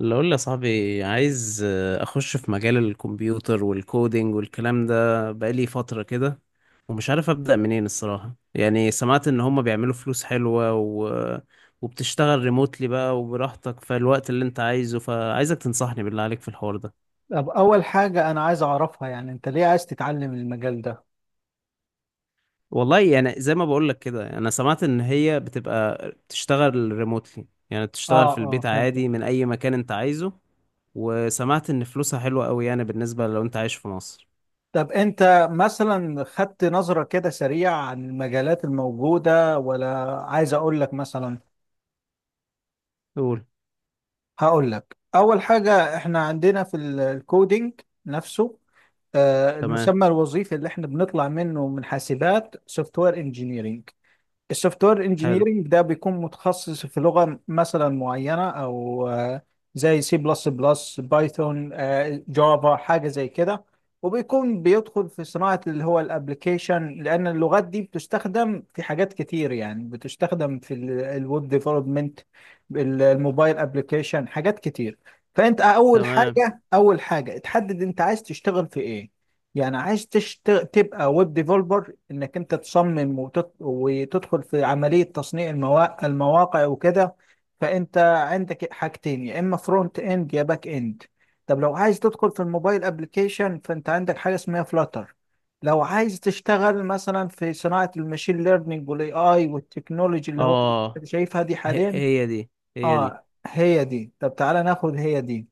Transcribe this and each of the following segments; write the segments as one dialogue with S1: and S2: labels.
S1: اللي اقول يا صاحبي عايز اخش في مجال الكمبيوتر والكودينج والكلام ده بقالي فترة كده، ومش عارف ابدأ منين الصراحة. يعني سمعت ان هما بيعملوا فلوس حلوة و... وبتشتغل ريموتلي بقى وبراحتك في الوقت اللي انت عايزه، فعايزك تنصحني بالله عليك في الحوار ده.
S2: طب أول حاجة أنا عايز أعرفها، يعني أنت ليه عايز تتعلم المجال ده؟
S1: والله يعني زي ما بقولك كده انا سمعت ان هي بتبقى بتشتغل ريموتلي، يعني
S2: آه،
S1: بتشتغل في
S2: آه،
S1: البيت
S2: فهمت.
S1: عادي من اي مكان انت عايزه. وسمعت ان فلوسها حلوة قوي يعني بالنسبة لو انت عايش في مصر.
S2: طب أنت مثلا خدت نظرة كده سريعة عن المجالات الموجودة ولا عايز أقول لك مثلا؟
S1: قول.
S2: هقول لك أول حاجة، إحنا عندنا في الكودينج نفسه.
S1: تمام.
S2: المسمى الوظيفي اللي إحنا بنطلع منه من حاسبات سوفت وير انجينيرنج. السوفت وير
S1: حلو.
S2: انجينيرنج ده بيكون متخصص في لغة مثلا معينة او زي سي بلس بلس بايثون، جافا، حاجة زي كده، وبيكون بيدخل في صناعة اللي هو الابليكيشن، لان اللغات دي بتستخدم في حاجات كتير، يعني بتستخدم في الويب ديفلوبمنت، الموبايل ابليكيشن، حاجات كتير. فانت اول
S1: تمام.
S2: حاجة اول حاجة تحدد انت عايز تشتغل في ايه، يعني عايز تبقى ويب ديفلوبر، انك انت تصمم وتدخل في عملية تصنيع المواقع وكده. فانت عندك حاجتين، يا اما فرونت اند يا باك اند. طب لو عايز تدخل في الموبايل ابلكيشن، فانت عندك حاجة اسمها فلاتر. لو عايز تشتغل مثلا في صناعة الماشين ليرنينج والاي اي والتكنولوجي اللي هو
S1: اه،
S2: شايفها دي
S1: هي
S2: حاليا.
S1: هي دي. هي دي.
S2: اه، هي دي، طب تعالى ناخد هي دي.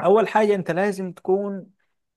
S2: اول حاجه انت لازم تكون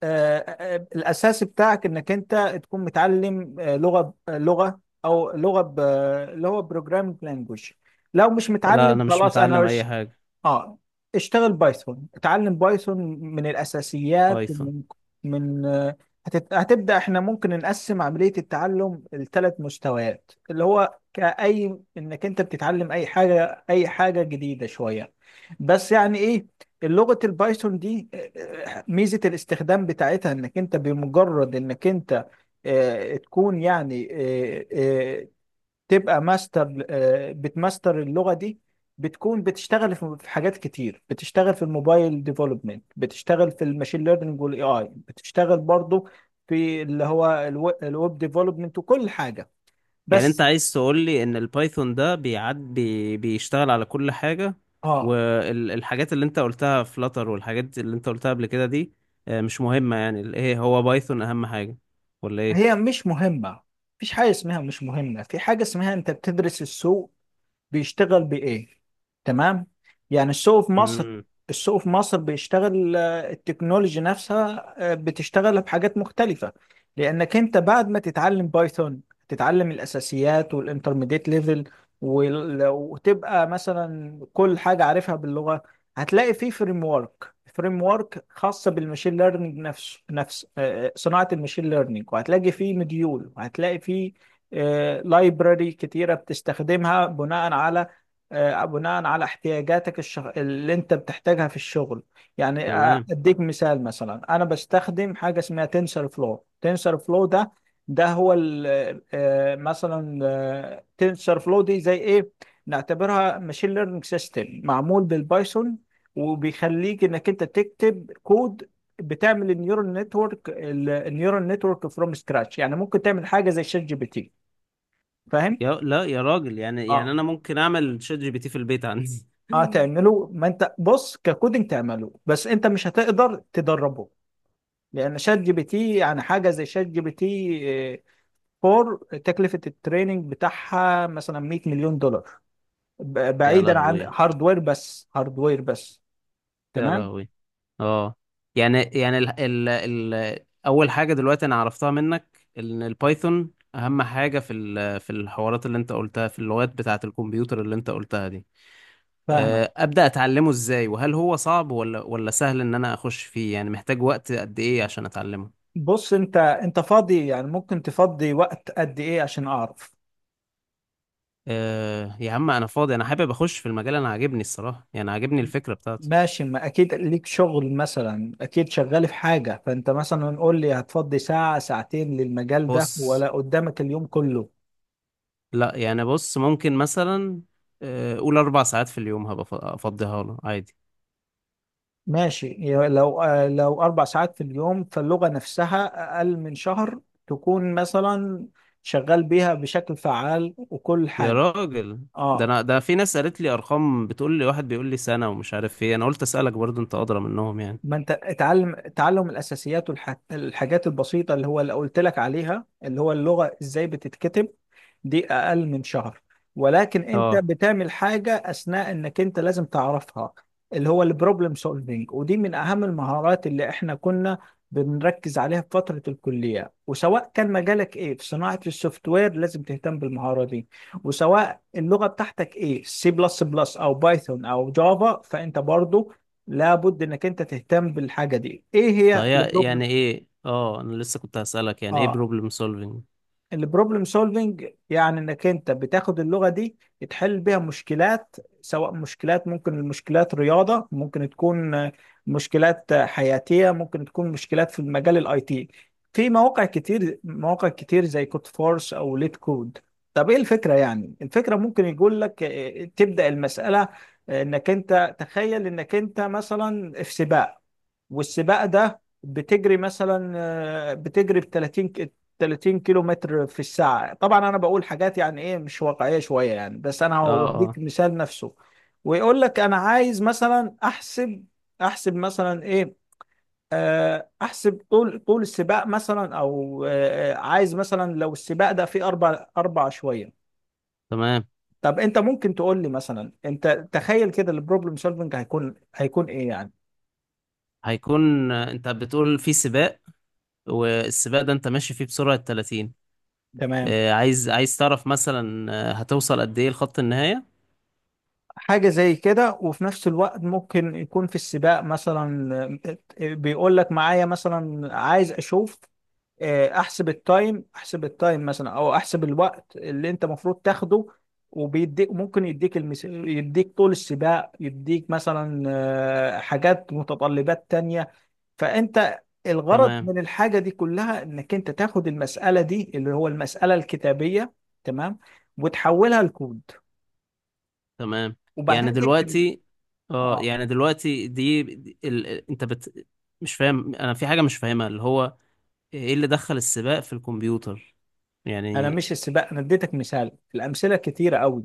S2: الاساس بتاعك انك انت تكون متعلم لغه، او لغه اللي هو بروجرامينج لانجوج. لو مش
S1: لا
S2: متعلم
S1: انا مش
S2: خلاص انا
S1: متعلم اي
S2: رش.
S1: حاجة.
S2: اه، اشتغل بايثون، اتعلم بايثون من الاساسيات،
S1: بايثون.
S2: من آه، هتبدا. احنا ممكن نقسم عمليه التعلم لثلاث مستويات، اللي هو كاي انك انت بتتعلم اي حاجه، جديده شويه. بس، يعني ايه لغه البايثون دي؟ ميزه الاستخدام بتاعتها، انك انت بمجرد انك انت تكون يعني، آه، آه، تبقى ماستر آه، بتماستر اللغة دي، بتكون بتشتغل في حاجات كتير، بتشتغل في الموبايل ديفلوبمنت، بتشتغل في الماشين ليرنينج والاي اي، بتشتغل برضو في اللي هو الويب ديفلوبمنت وكل حاجة،
S1: يعني انت
S2: بس.
S1: عايز تقول لي ان البايثون ده بيشتغل على كل حاجة،
S2: اه،
S1: والحاجات اللي انت قلتها فلاتر والحاجات اللي انت قلتها قبل كده دي مش مهمة؟ يعني ايه هو بايثون اهم حاجة ولا ايه؟
S2: هي مش مهمة؟ مفيش حاجة اسمها مش مهمة، في حاجة اسمها انت بتدرس السوق بيشتغل بايه، تمام. يعني
S1: امم.
S2: السوق في مصر بيشتغل، التكنولوجي نفسها بتشتغل بحاجات مختلفة. لأنك أنت بعد ما تتعلم بايثون، تتعلم الأساسيات والانترميديت ليفل، وتبقى مثلا كل حاجة عارفها باللغة، هتلاقي في فريم ورك، فريم ورك خاصة بالماشين ليرنينج نفسه، نفس آه، آه، صناعة الماشين ليرنينج، وهتلاقي فيه مديول، وهتلاقي فيه لايبراري كتيرة، بتستخدمها بناء على، احتياجاتك، اللي انت بتحتاجها في الشغل. يعني
S1: تمام.
S2: اديك مثال، مثلا انا بستخدم حاجة اسمها تنسر فلو ده، ده هو ال... آه، مثلا تنسر فلو دي زي ايه؟ نعتبرها ماشين ليرنينج سيستم معمول بالبايثون، وبيخليك انك انت تكتب كود، بتعمل النيورال نتورك فروم سكراتش، يعني ممكن تعمل حاجه زي شات جي بي تي، فاهم؟
S1: يا لا يا راجل، يعني
S2: اه،
S1: انا ممكن اعمل شات جي بي تي في البيت عندي؟
S2: اه، تعمله، ما انت بص ككودنج تعمله، بس انت مش هتقدر تدربه، لان شات جي بي تي، يعني حاجه زي شات جي بي تي 4، تكلفه التريننج بتاعها مثلا 100 مليون دولار،
S1: يا
S2: بعيدا عن
S1: لهوي.
S2: هاردوير بس، هاردوير بس.
S1: يا
S2: تمام،
S1: لهوي. اه. يعني يعني ال ال ال اول حاجه دلوقتي انا عرفتها منك ان البايثون اهم حاجه في في الحوارات اللي انت قلتها، في اللغات بتاعه الكمبيوتر اللي انت قلتها دي.
S2: فاهمك.
S1: ابدا اتعلمه ازاي؟ وهل هو صعب ولا سهل ان انا اخش فيه؟ يعني محتاج وقت قد ايه عشان اتعلمه؟
S2: بص، انت فاضي يعني، ممكن تفضي وقت قد ايه عشان اعرف؟
S1: أه يا عم انا فاضي، انا حابب اخش في المجال، انا عاجبني الصراحه يعني عاجبني الفكره بتاعته.
S2: ماشي، ما اكيد ليك شغل، مثلا اكيد شغال في حاجة، فانت مثلا قول لي، هتفضي ساعة ساعتين للمجال ده
S1: بص.
S2: ولا قدامك اليوم كله؟
S1: لا يعني بص، ممكن مثلا قول اربع ساعات في اليوم هبقى افضيها له عادي.
S2: ماشي، لو 4 ساعات في اليوم، فاللغة نفسها اقل من شهر، تكون مثلا شغال بيها بشكل فعال وكل
S1: يا
S2: حاجة.
S1: راجل، ده
S2: اه،
S1: انا ده في ناس قالت لي ارقام، بتقول لي واحد بيقول لي سنة ومش عارف ايه، انا قلت اسالك برضو انت ادرى منهم يعني.
S2: ما انت اتعلم، تعلم الاساسيات والحاجات البسيطة اللي هو اللي قلت لك عليها، اللي هو اللغة ازاي بتتكتب، دي اقل من شهر. ولكن انت
S1: اه.
S2: بتعمل حاجه اثناء، انك انت لازم تعرفها، اللي هو البروبلم سولفينج، ودي من اهم المهارات اللي احنا كنا بنركز عليها في فتره الكليه، وسواء كان مجالك ايه في صناعه السوفت وير، لازم تهتم بالمهاره دي، وسواء اللغه بتاعتك ايه، سي بلس بلس او بايثون او جافا، فانت برضو لابد انك انت تهتم بالحاجه دي. ايه هي
S1: فهي
S2: البروبلم؟
S1: يعني ايه؟ اه انا لسه كنت هسالك يعني ايه
S2: اه،
S1: بروبلم سولفينج.
S2: البروبلم سولفنج يعني انك انت بتاخد اللغه دي، تحل بيها مشكلات، سواء مشكلات، ممكن المشكلات رياضه، ممكن تكون مشكلات حياتيه، ممكن تكون مشكلات في المجال الاي تي، في مواقع كتير زي كود فورس او ليت كود. طب ايه الفكره؟ يعني الفكره، ممكن يقول لك تبدا المساله، انك انت تخيل انك انت مثلا في سباق، والسباق ده بتجري مثلا، آه، بتجري ب 30 كيلو متر في الساعة، طبعا انا بقول حاجات يعني ايه، مش واقعية شوية يعني، بس انا
S1: اه.
S2: هوديك
S1: اه.
S2: مثال نفسه. ويقول لك انا عايز مثلا احسب، احسب مثلا ايه؟ احسب طول السباق مثلا، او عايز مثلا لو السباق ده فيه اربع اربع شوية.
S1: تمام.
S2: طب انت ممكن تقول لي مثلا، انت تخيل كده البروبلم سولفنج هيكون، ايه يعني؟
S1: هيكون انت بتقول في سباق، والسباق ده انت ماشي فيه بسرعة 30،
S2: تمام،
S1: عايز تعرف مثلا هتوصل قد ايه لخط النهاية.
S2: حاجة زي كده، وفي نفس الوقت ممكن يكون في السباق مثلا، بيقول لك معايا مثلا عايز اشوف، احسب التايم مثلا، او احسب الوقت اللي انت المفروض تاخده، وبيديك، ممكن يديك يديك طول السباق، يديك مثلا حاجات متطلبات تانية. فانت الغرض
S1: تمام.
S2: من الحاجة دي كلها، انك انت تاخد المسألة دي اللي هو المسألة الكتابية، تمام، وتحولها لكود،
S1: تمام. يعني
S2: وبعدين تكتب.
S1: دلوقتي. اه
S2: اه،
S1: يعني دلوقتي انت بت. مش فاهم، انا في حاجة مش فاهمها، اللي هو ايه اللي دخل السباق في الكمبيوتر
S2: انا
S1: يعني؟
S2: مش السباق، انا اديتك مثال، الامثله كتيره قوي،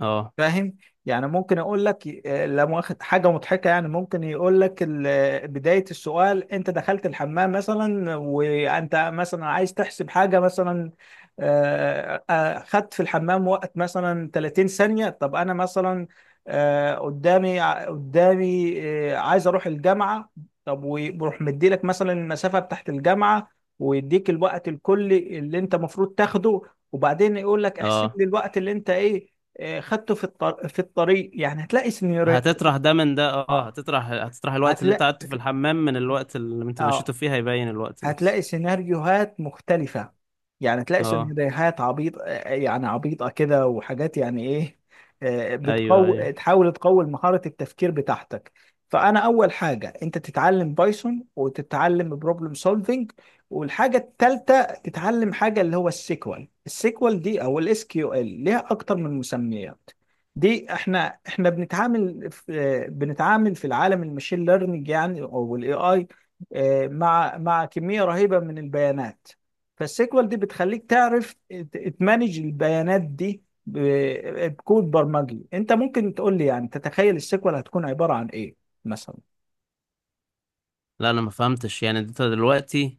S1: اه.
S2: فاهم؟ يعني ممكن يقول لك لا مؤاخذة حاجة مضحكة، يعني ممكن يقول لك بداية السؤال انت دخلت الحمام مثلا، وانت مثلا عايز تحسب حاجة، مثلا خدت في الحمام وقت مثلا 30 ثانية. طب انا مثلا قدامي عايز اروح الجامعة، طب ويروح مديلك مثلا المسافة بتاعت الجامعة، ويديك الوقت الكلي اللي انت المفروض تاخده، وبعدين يقول لك احسب
S1: اه
S2: لي الوقت اللي انت ايه خدته في الطريق، يعني هتلاقي سيناريو.
S1: هتطرح ده من ده. اه
S2: اه،
S1: هتطرح الوقت اللي انت
S2: هتلاقي
S1: قعدته في الحمام من الوقت اللي انت مشيته
S2: اه
S1: فيه، هيبين الوقت نفسه.
S2: هتلاقي سيناريوهات مختلفة، يعني تلاقي
S1: اه.
S2: سيناريوهات عبيط، يعني عبيطة كده وحاجات، يعني ايه، آه،
S1: ايوه ايوه.
S2: بتقو تحاول تقوي مهارة التفكير بتاعتك. فأنا أول حاجة، أنت تتعلم بايثون وتتعلم بروبلم سولفينج، والحاجة التالتة تتعلم حاجة اللي هو السيكوال دي أو الاس كيو ال، ليها أكتر من مسميات. دي احنا بنتعامل في العالم المشين ليرنينج، يعني او الاي اي، مع كمية رهيبة من البيانات. فالسيكوال دي بتخليك تعرف تمانج البيانات دي بكود برمجي. انت ممكن تقول لي، يعني تتخيل السيكوال هتكون عبارة عن ايه مثلا؟
S1: لا انا ما فهمتش يعني انت دلوقتي.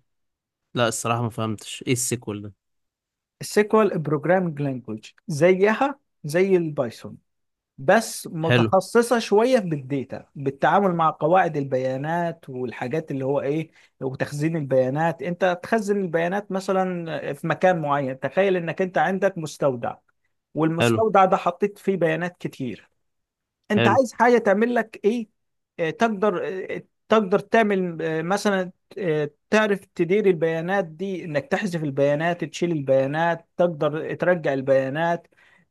S1: لا الصراحة ما فهمتش ايه السيكول ده.
S2: السيكوال بروجرامنج لانجوج زيها زي البايثون، بس
S1: حلو.
S2: متخصصة شوية بالديتا، بالتعامل مع قواعد البيانات والحاجات، اللي هو ايه، وتخزين البيانات. انت تخزن البيانات مثلا في مكان معين، تخيل انك انت عندك مستودع،
S1: حلو.
S2: والمستودع ده حطيت فيه بيانات كتير، انت
S1: حلو.
S2: عايز حاجه تعمل لك ايه؟ آه، تقدر آه، تقدر تعمل، آه، مثلا آه، تعرف تدير البيانات دي، انك تحذف البيانات، تشيل البيانات، تقدر ترجع البيانات،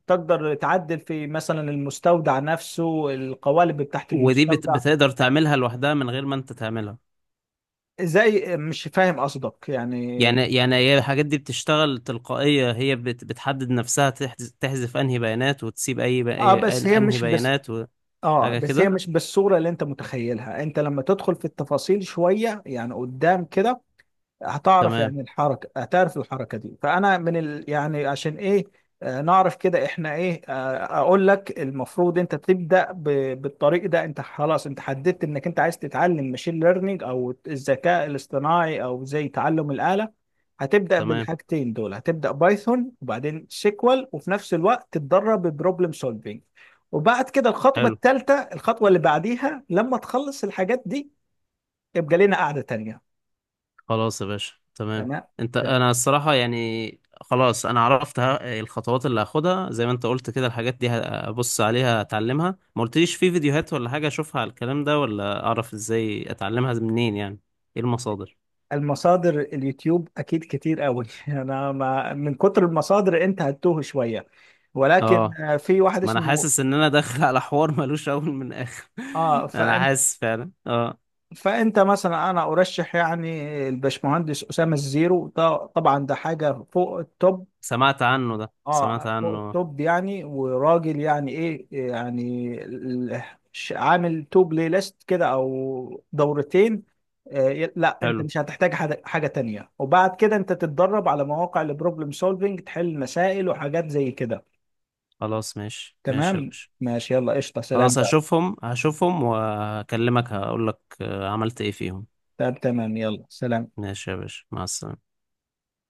S2: تقدر تعدل في مثلا المستودع نفسه، القوالب بتاعت
S1: ودي
S2: المستودع.
S1: بتقدر تعملها لوحدها من غير ما انت تعملها؟
S2: زي، مش فاهم قصدك يعني.
S1: يعني يعني هي الحاجات دي بتشتغل تلقائية، هي بتحدد نفسها، تحذف انهي بيانات وتسيب
S2: اه بس هي
S1: انهي
S2: مش بس
S1: بيانات؟
S2: اه
S1: وحاجة
S2: بس هي
S1: كده.
S2: مش بالصورة اللي انت متخيلها، انت لما تدخل في التفاصيل شوية، يعني قدام كده، هتعرف
S1: تمام.
S2: يعني الحركة، هتعرف الحركة دي. فأنا من يعني عشان إيه، نعرف كده إحنا إيه، أقول لك المفروض أنت تبدأ بالطريق ده. أنت خلاص أنت حددت إنك أنت عايز تتعلم ماشين ليرنينج أو الذكاء الاصطناعي أو زي تعلم الآلة، هتبدأ
S1: تمام.
S2: بالحاجتين دول، هتبدأ بايثون وبعدين سيكوال، وفي نفس الوقت تتدرب ببروبلم سولفينج. وبعد كده الخطوة
S1: حلو.
S2: الثالثة، الخطوة اللي بعديها لما تخلص الحاجات دي، يبقى لنا قعدة تانية.
S1: خلاص يا باشا، تمام.
S2: تمام.
S1: انت انا الصراحة يعني خلاص انا عرفت الخطوات اللي هاخدها زي ما انت قلت كده، الحاجات دي هبص عليها اتعلمها. ما قلتليش في فيديوهات ولا حاجة اشوفها على الكلام ده، ولا اعرف ازاي اتعلمها منين يعني؟ ايه المصادر؟
S2: المصادر اليوتيوب اكيد كتير قوي انا ما من كتر المصادر انت هتتوه شويه، ولكن
S1: اه
S2: في واحد
S1: ما انا
S2: اسمه،
S1: حاسس ان انا داخل على حوار ملوش اول من اخر.
S2: اه،
S1: انا
S2: فانت
S1: حاسس فعلا اه.
S2: فانت مثلا انا ارشح يعني الباشمهندس اسامه الزيرو ده، طبعا ده حاجه فوق التوب.
S1: سمعت عنه ده، سمعت
S2: اه، فوق
S1: عنه آه.
S2: التوب يعني، وراجل يعني ايه، يعني عامل تو بلاي ليست كده، او دورتين. آه، لا، انت
S1: حلو.
S2: مش هتحتاج حاجة تانية، وبعد كده انت تتدرب على مواقع البروبلم سولفينج، تحل مسائل وحاجات زي كده.
S1: خلاص ماشي ماشي يا
S2: تمام،
S1: باشا.
S2: ماشي، يلا قشطة، سلام
S1: خلاص
S2: بقى.
S1: هشوفهم، هشوفهم وهكلمك هقول لك عملت ايه فيهم.
S2: تمام تمام، يلا سلام.
S1: ماشي يا باشا مع السلامة.